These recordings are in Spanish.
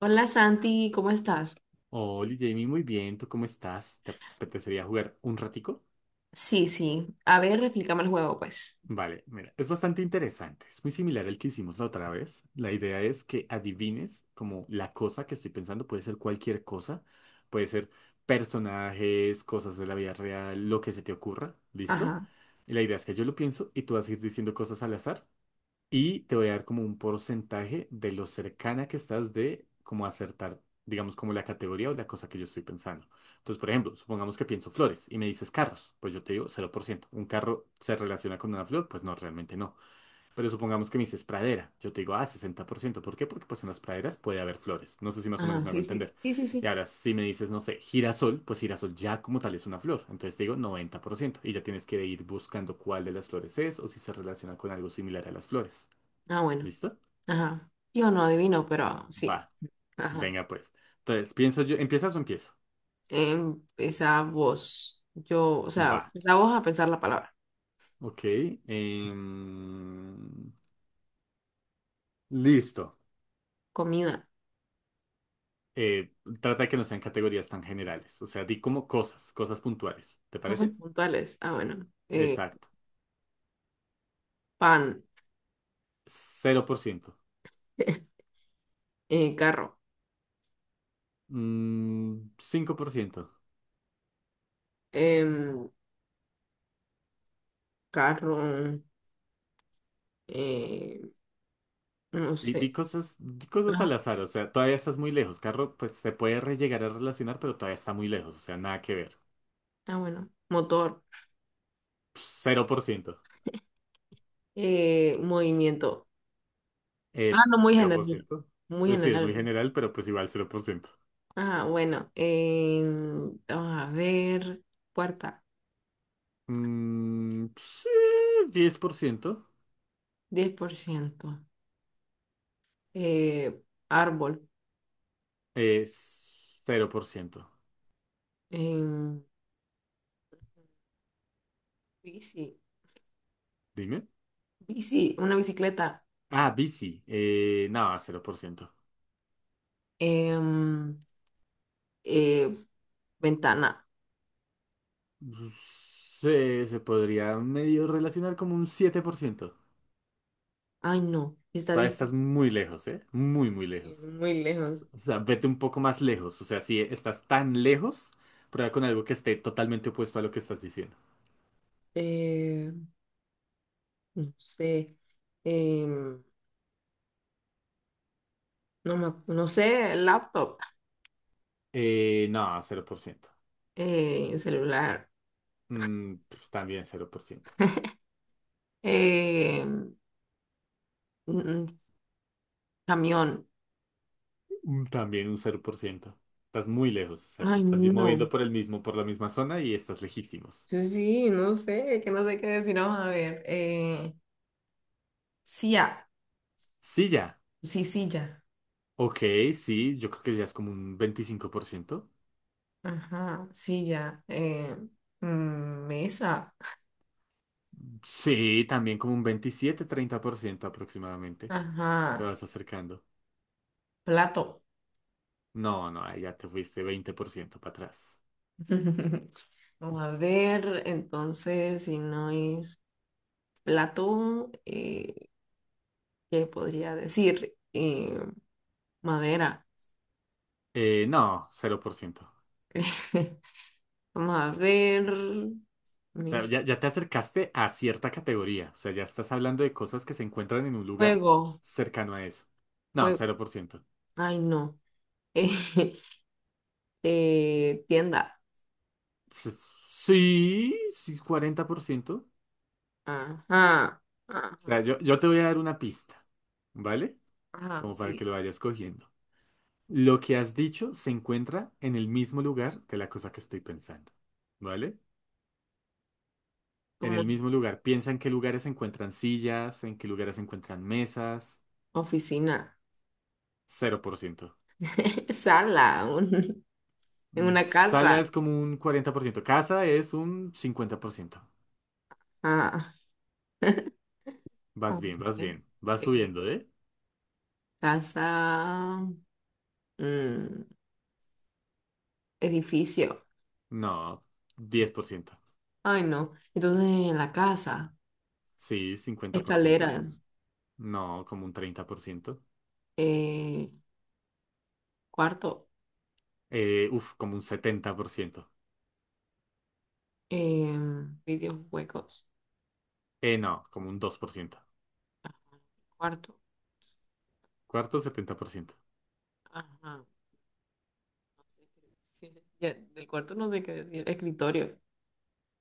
Hola Santi, ¿cómo estás? Hola Jamie, muy bien, ¿tú cómo estás? ¿Te apetecería jugar un ratico? Sí, sí. A ver, explícame el juego, pues. Vale, mira, es bastante interesante, es muy similar al que hicimos la otra vez. La idea es que adivines como la cosa que estoy pensando, puede ser cualquier cosa, puede ser personajes, cosas de la vida real, lo que se te ocurra, ¿listo? Ajá, Y la idea es que yo lo pienso y tú vas a ir diciendo cosas al azar. Y te voy a dar como un porcentaje de lo cercana que estás de como acertar, digamos, como la categoría o la cosa que yo estoy pensando. Entonces, por ejemplo, supongamos que pienso flores y me dices carros, pues yo te digo 0%. ¿Un carro se relaciona con una flor? Pues no, realmente no. Pero supongamos que me dices pradera, yo te digo, ah, 60. ¿Por ciento por qué? Porque pues en las praderas puede haber flores. No sé si más o menos ajá, me hago sí, sí. entender. Sí, sí, Y sí. ahora, si me dices, no sé, girasol, pues girasol ya como tal es una flor. Entonces te digo 90%. Y ya tienes que ir buscando cuál de las flores es o si se relaciona con algo similar a las flores. Ah, bueno. ¿Listo? Ajá. Yo no adivino, pero sí. Va, Ajá. venga pues. Entonces, pienso yo, ¿empiezas o empiezo? Empezá vos. Yo, o sea, Va, empezá vos a pensar la palabra. ok. em, listo. Comida. Eh, trata de que no sean categorías tan generales. O sea, di como cosas, cosas puntuales. ¿Te Cosas parece? puntuales. Ah, bueno. Eh, Exacto. pan. 0%. Carro. 5%. Em, carro. eh, no Di, sé. Di cosas al Ajá. azar. O sea, todavía estás muy lejos. Carro, pues se puede llegar a relacionar, pero todavía está muy lejos. O sea, nada que ver. Ah, bueno. Motor. Cero por ciento. Movimiento. Ah, no, muy general. 0%. Muy Pues sí, es muy general. general, pero pues igual 0%. Ah, bueno. Vamos a ver. Puerta, Mm, sí, 10%. 10%. Eh, árbol. Es cero por ciento. em, bici. Dime. Bici, una bicicleta. Ah, bici. No, 0%. em, eh, ventana. Se, se podría medio relacionar como un 7%. Ay, no. Está Todavía estás muy lejos, ¿eh? Muy, muy lejos. muy lejos. O sea, vete un poco más lejos. O sea, si estás tan lejos, prueba con algo que esté totalmente opuesto a lo que estás diciendo. Eh, no sé. em, no, me no sé. Laptop. No, 0%. Celular. Pues también 0%. em, mm, camión. También un 0%. Estás muy lejos, o sea, te Ay, estás moviendo no. por el mismo, por la misma zona y estás lejísimos. Sí, no sé, que no sé qué decir. Vamos a ver. Silla, Sí, ya. sí, silla. Ok, sí, yo creo que ya es como un 25%. Ajá, silla. Mesa. Sí, también como un 27 30% aproximadamente. Te Ajá, vas acercando. plato. No, no, ahí ya te fuiste 20% para atrás. Vamos a ver, entonces, si no es plato, ¿qué podría decir? Madera. No, 0%. Vamos a ver. O sea, Mis... ya, ya te acercaste a cierta categoría. O sea, ya estás hablando de cosas que se encuentran en un lugar Fuego, cercano a eso. No, fuego. 0%. Ay, no. Tienda. S- Sí, sí, 40%. O Ajá, sea, ajá, yo te voy a dar una pista, ¿vale? ajá, Como para sí, que lo vayas cogiendo. Lo que has dicho se encuentra en el mismo lugar de la cosa que estoy pensando, ¿vale? En como el mismo lugar. Piensa en qué lugares se encuentran sillas, en qué lugares se encuentran mesas. oficina, Cero por ciento. sala, en una Sala casa. es como un 40%, casa es un 50%. Ajá. A Vas bien, vas ver, bien. Vas eh, subiendo, ¿eh? casa, mm, edificio. No, 10%. Ay, no. Entonces, en la casa, Sí, 50%. escaleras, No, como un 30%. eh, cuarto, Uf, como un 70%. eh, vídeos huecos, No, como un 2%. ajá, cuarto. Cuarto, 70%. Ajá. Ya, del cuarto no sé qué decir. Escritorio.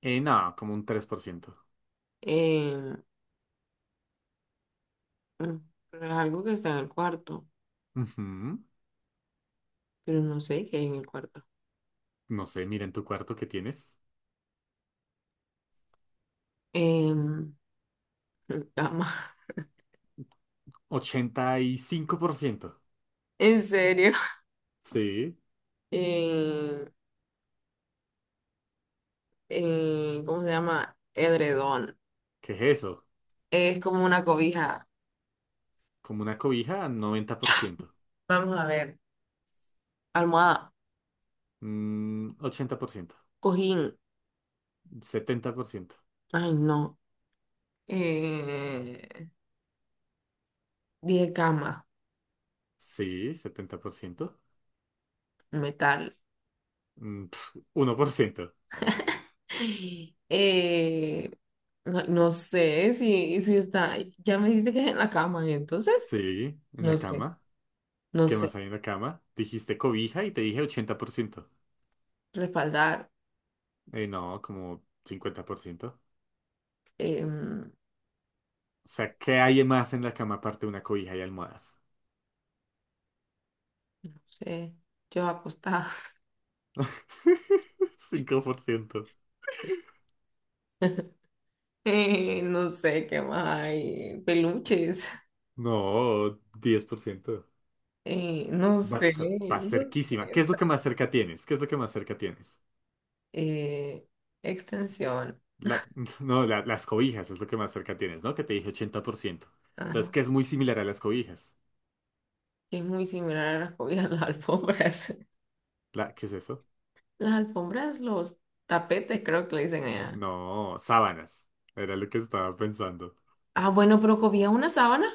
No, como un 3%. Em, mm, pero es algo que está en el cuarto, Ujú. pero no sé qué hay en el cuarto. No sé, mira en tu cuarto que tienes. Em, cama. 85%. En serio. Sí, Em, ¿Cómo se llama? Edredón. ¿qué es eso? Es como una cobija. Como una cobija, 90%. Vamos a ver. Almohada. Ochenta por ciento. Cojín. Setenta por ciento. Ay, no. Eh, dije cama. Sí, 70%. Metal. Uno por ciento. Eh, no, no sé si está. Ya me dijiste que es en la cama, entonces. Sí, en No la sé. cama. No ¿Qué más sé. hay en la cama? Dijiste cobija y te dije 80%. Respaldar. No, como 50%. em, O sea, ¿qué hay más en la cama aparte de una cobija y almohadas? no sé, yo acostada. Cinco por ciento. No sé qué más hay, peluches, No, 10%. No Va, o sé, sea, va no cerquísima. sé, ¿Qué o es lo que sea, más cerca tienes? ¿Qué es lo que más cerca tienes? eh, extensión, La- no, las cobijas es lo que más cerca tienes, ¿no? Que te dije 80%. Entonces, ajá, que es muy similar a las cobijas. que es muy similar a las cobijas, las alfombras. La, ¿qué es eso? Las alfombras, los tapetes, creo que le dicen allá. No, sábanas. Era lo que estaba pensando. Ah, bueno, pero cobija es una sábana.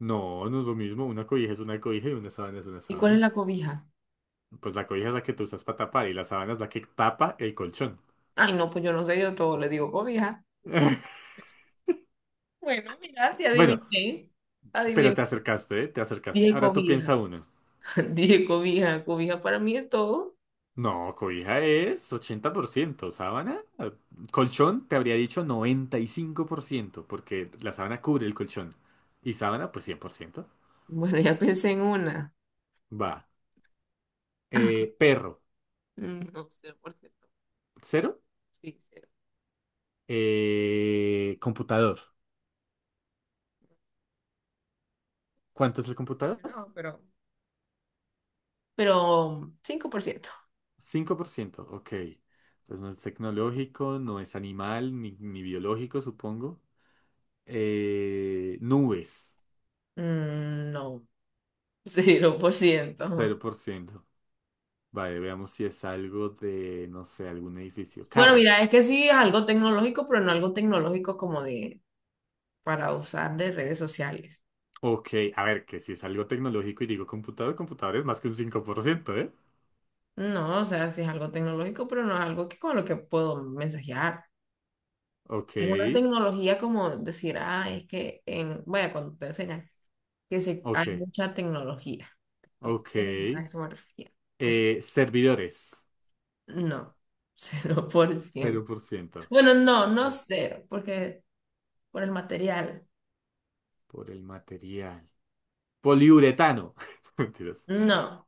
No, no es lo mismo. Una cobija es una cobija y una sábana es una ¿Y cuál es sábana. la cobija? Pues la cobija es la que tú usas para tapar y la sábana es la que tapa el colchón. Ay, no, pues yo no sé, yo a todo le digo cobija. Bueno, mira, si Bueno, adiviné, pero adiviné, te acercaste, ¿eh? Te acercaste. dije Ahora tú cobija. piensa uno. Dije cobija, cobija para mí es todo. No, cobija es 80%, sábana, colchón te habría dicho 95%, porque la sábana cubre el colchón. Y sábana, pues 100%. Bueno, ya pensé en una. Va. Ah, Perro, no, 0%. cero. Sí, cero. Computador, ¿cuánto es el computador? Relacionado, pero... Pero 5%. Cinco por ciento, ok. Entonces no es tecnológico, no es animal, ni biológico, supongo. Nubes, No, cero por cero ciento. por ciento, Vale, veamos si es algo de, no sé, algún edificio. Bueno, Carro. mira, es que sí es algo tecnológico, pero no algo tecnológico como de para usar de redes sociales. Ok, a ver, que si es algo tecnológico y digo computador, computador es más que un 5%, ¿eh? No, o sea, sí es algo tecnológico, pero no es algo que con lo que puedo mensajear. Ok, Es una tecnología como decir, ah, es que bueno, cuando te enseñan que se, ok, hay mucha tecnología. Tecnología, a ok. eso me refiero. Cosa- Servidores, no, cero 0%. Por ciento. Bueno, no, Por no el cero, porque por el material. por el material. Poliuretano. Mentiras, No.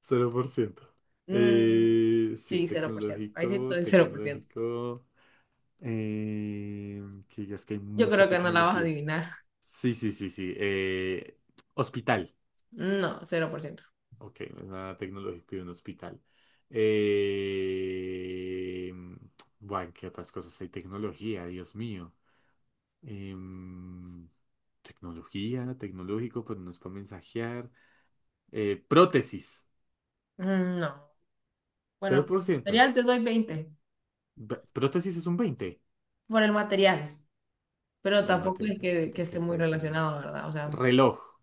0%. Mm, Si es sí, 0%. Ahí sí tecnológico, estoy 0%. tecnológico. eh, que digas que hay Yo mucha creo que no la vas a tecnología. adivinar. Sí, sí, sí, sí. Hospital. No, 0%. Ok, no es nada tecnológico y un hospital. Eh... Bueno, ¿qué otras cosas hay? Tecnología, Dios mío. Em, Tecnología, tecnológico, pero no es para mensajear. Prótesis, No. Bueno, por el 0%. material te doy 20. Prótesis es un veinte Por el material. por ciento Pero por el tampoco material es de, que, de que esté está muy hecho el. relacionado, ¿verdad? O sea, Reloj,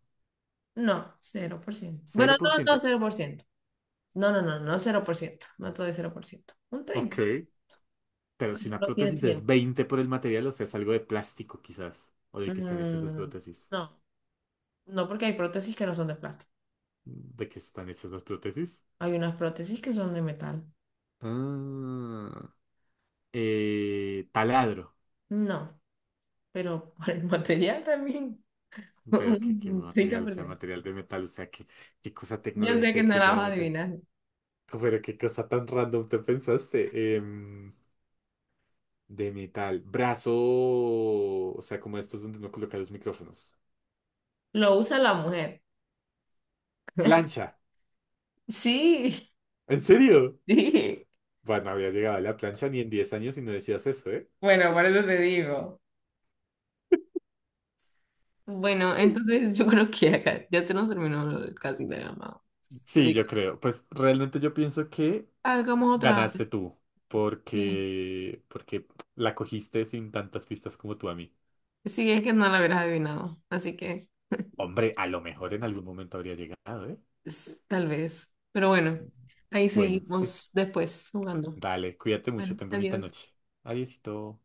no, 0%. Bueno, cero por no, no, ciento. 0%. No, no, no, no 0%, no todo es 0%, un Ok, 30%, pero si como una no tiene prótesis es tiempo. 20 por el material, o sea, es algo de plástico quizás. ¿O de qué están hechas las Mm, prótesis? no, no porque hay prótesis que no son de plástico, ¿De qué están hechas las prótesis? hay unas prótesis que son de metal, Ah, taladro. no, pero por el material también, Pero qué un treinta material, o por sea, ciento. material de metal, o sea, qué cosa Yo sé tecnológica que hay no que la sea vas de a metal. adivinar, Oh, pero qué cosa tan random te pensaste. De metal. Brazo, o sea, como estos donde uno coloca los micrófonos. lo usa la mujer, Plancha. sí, ¿En serio? sí, Bueno, había llegado a la plancha ni en 10 años y no decías eso, ¿eh? bueno, por eso te digo. Bueno, entonces yo creo que acá ya se nos terminó casi la llamada, Sí, así yo que creo. Pues realmente yo pienso que hagamos otra. ganaste tú, ¿Qué? porque la cogiste sin tantas pistas como tú a mí. Sí, es que no la hubieras adivinado, así que Hombre, a lo mejor en algún momento habría llegado, ¿eh? Tal vez. Pero bueno, ahí Bueno, sí. seguimos después jugando. Dale, cuídate mucho, Bueno, ten bonita adiós. noche. Adiósito.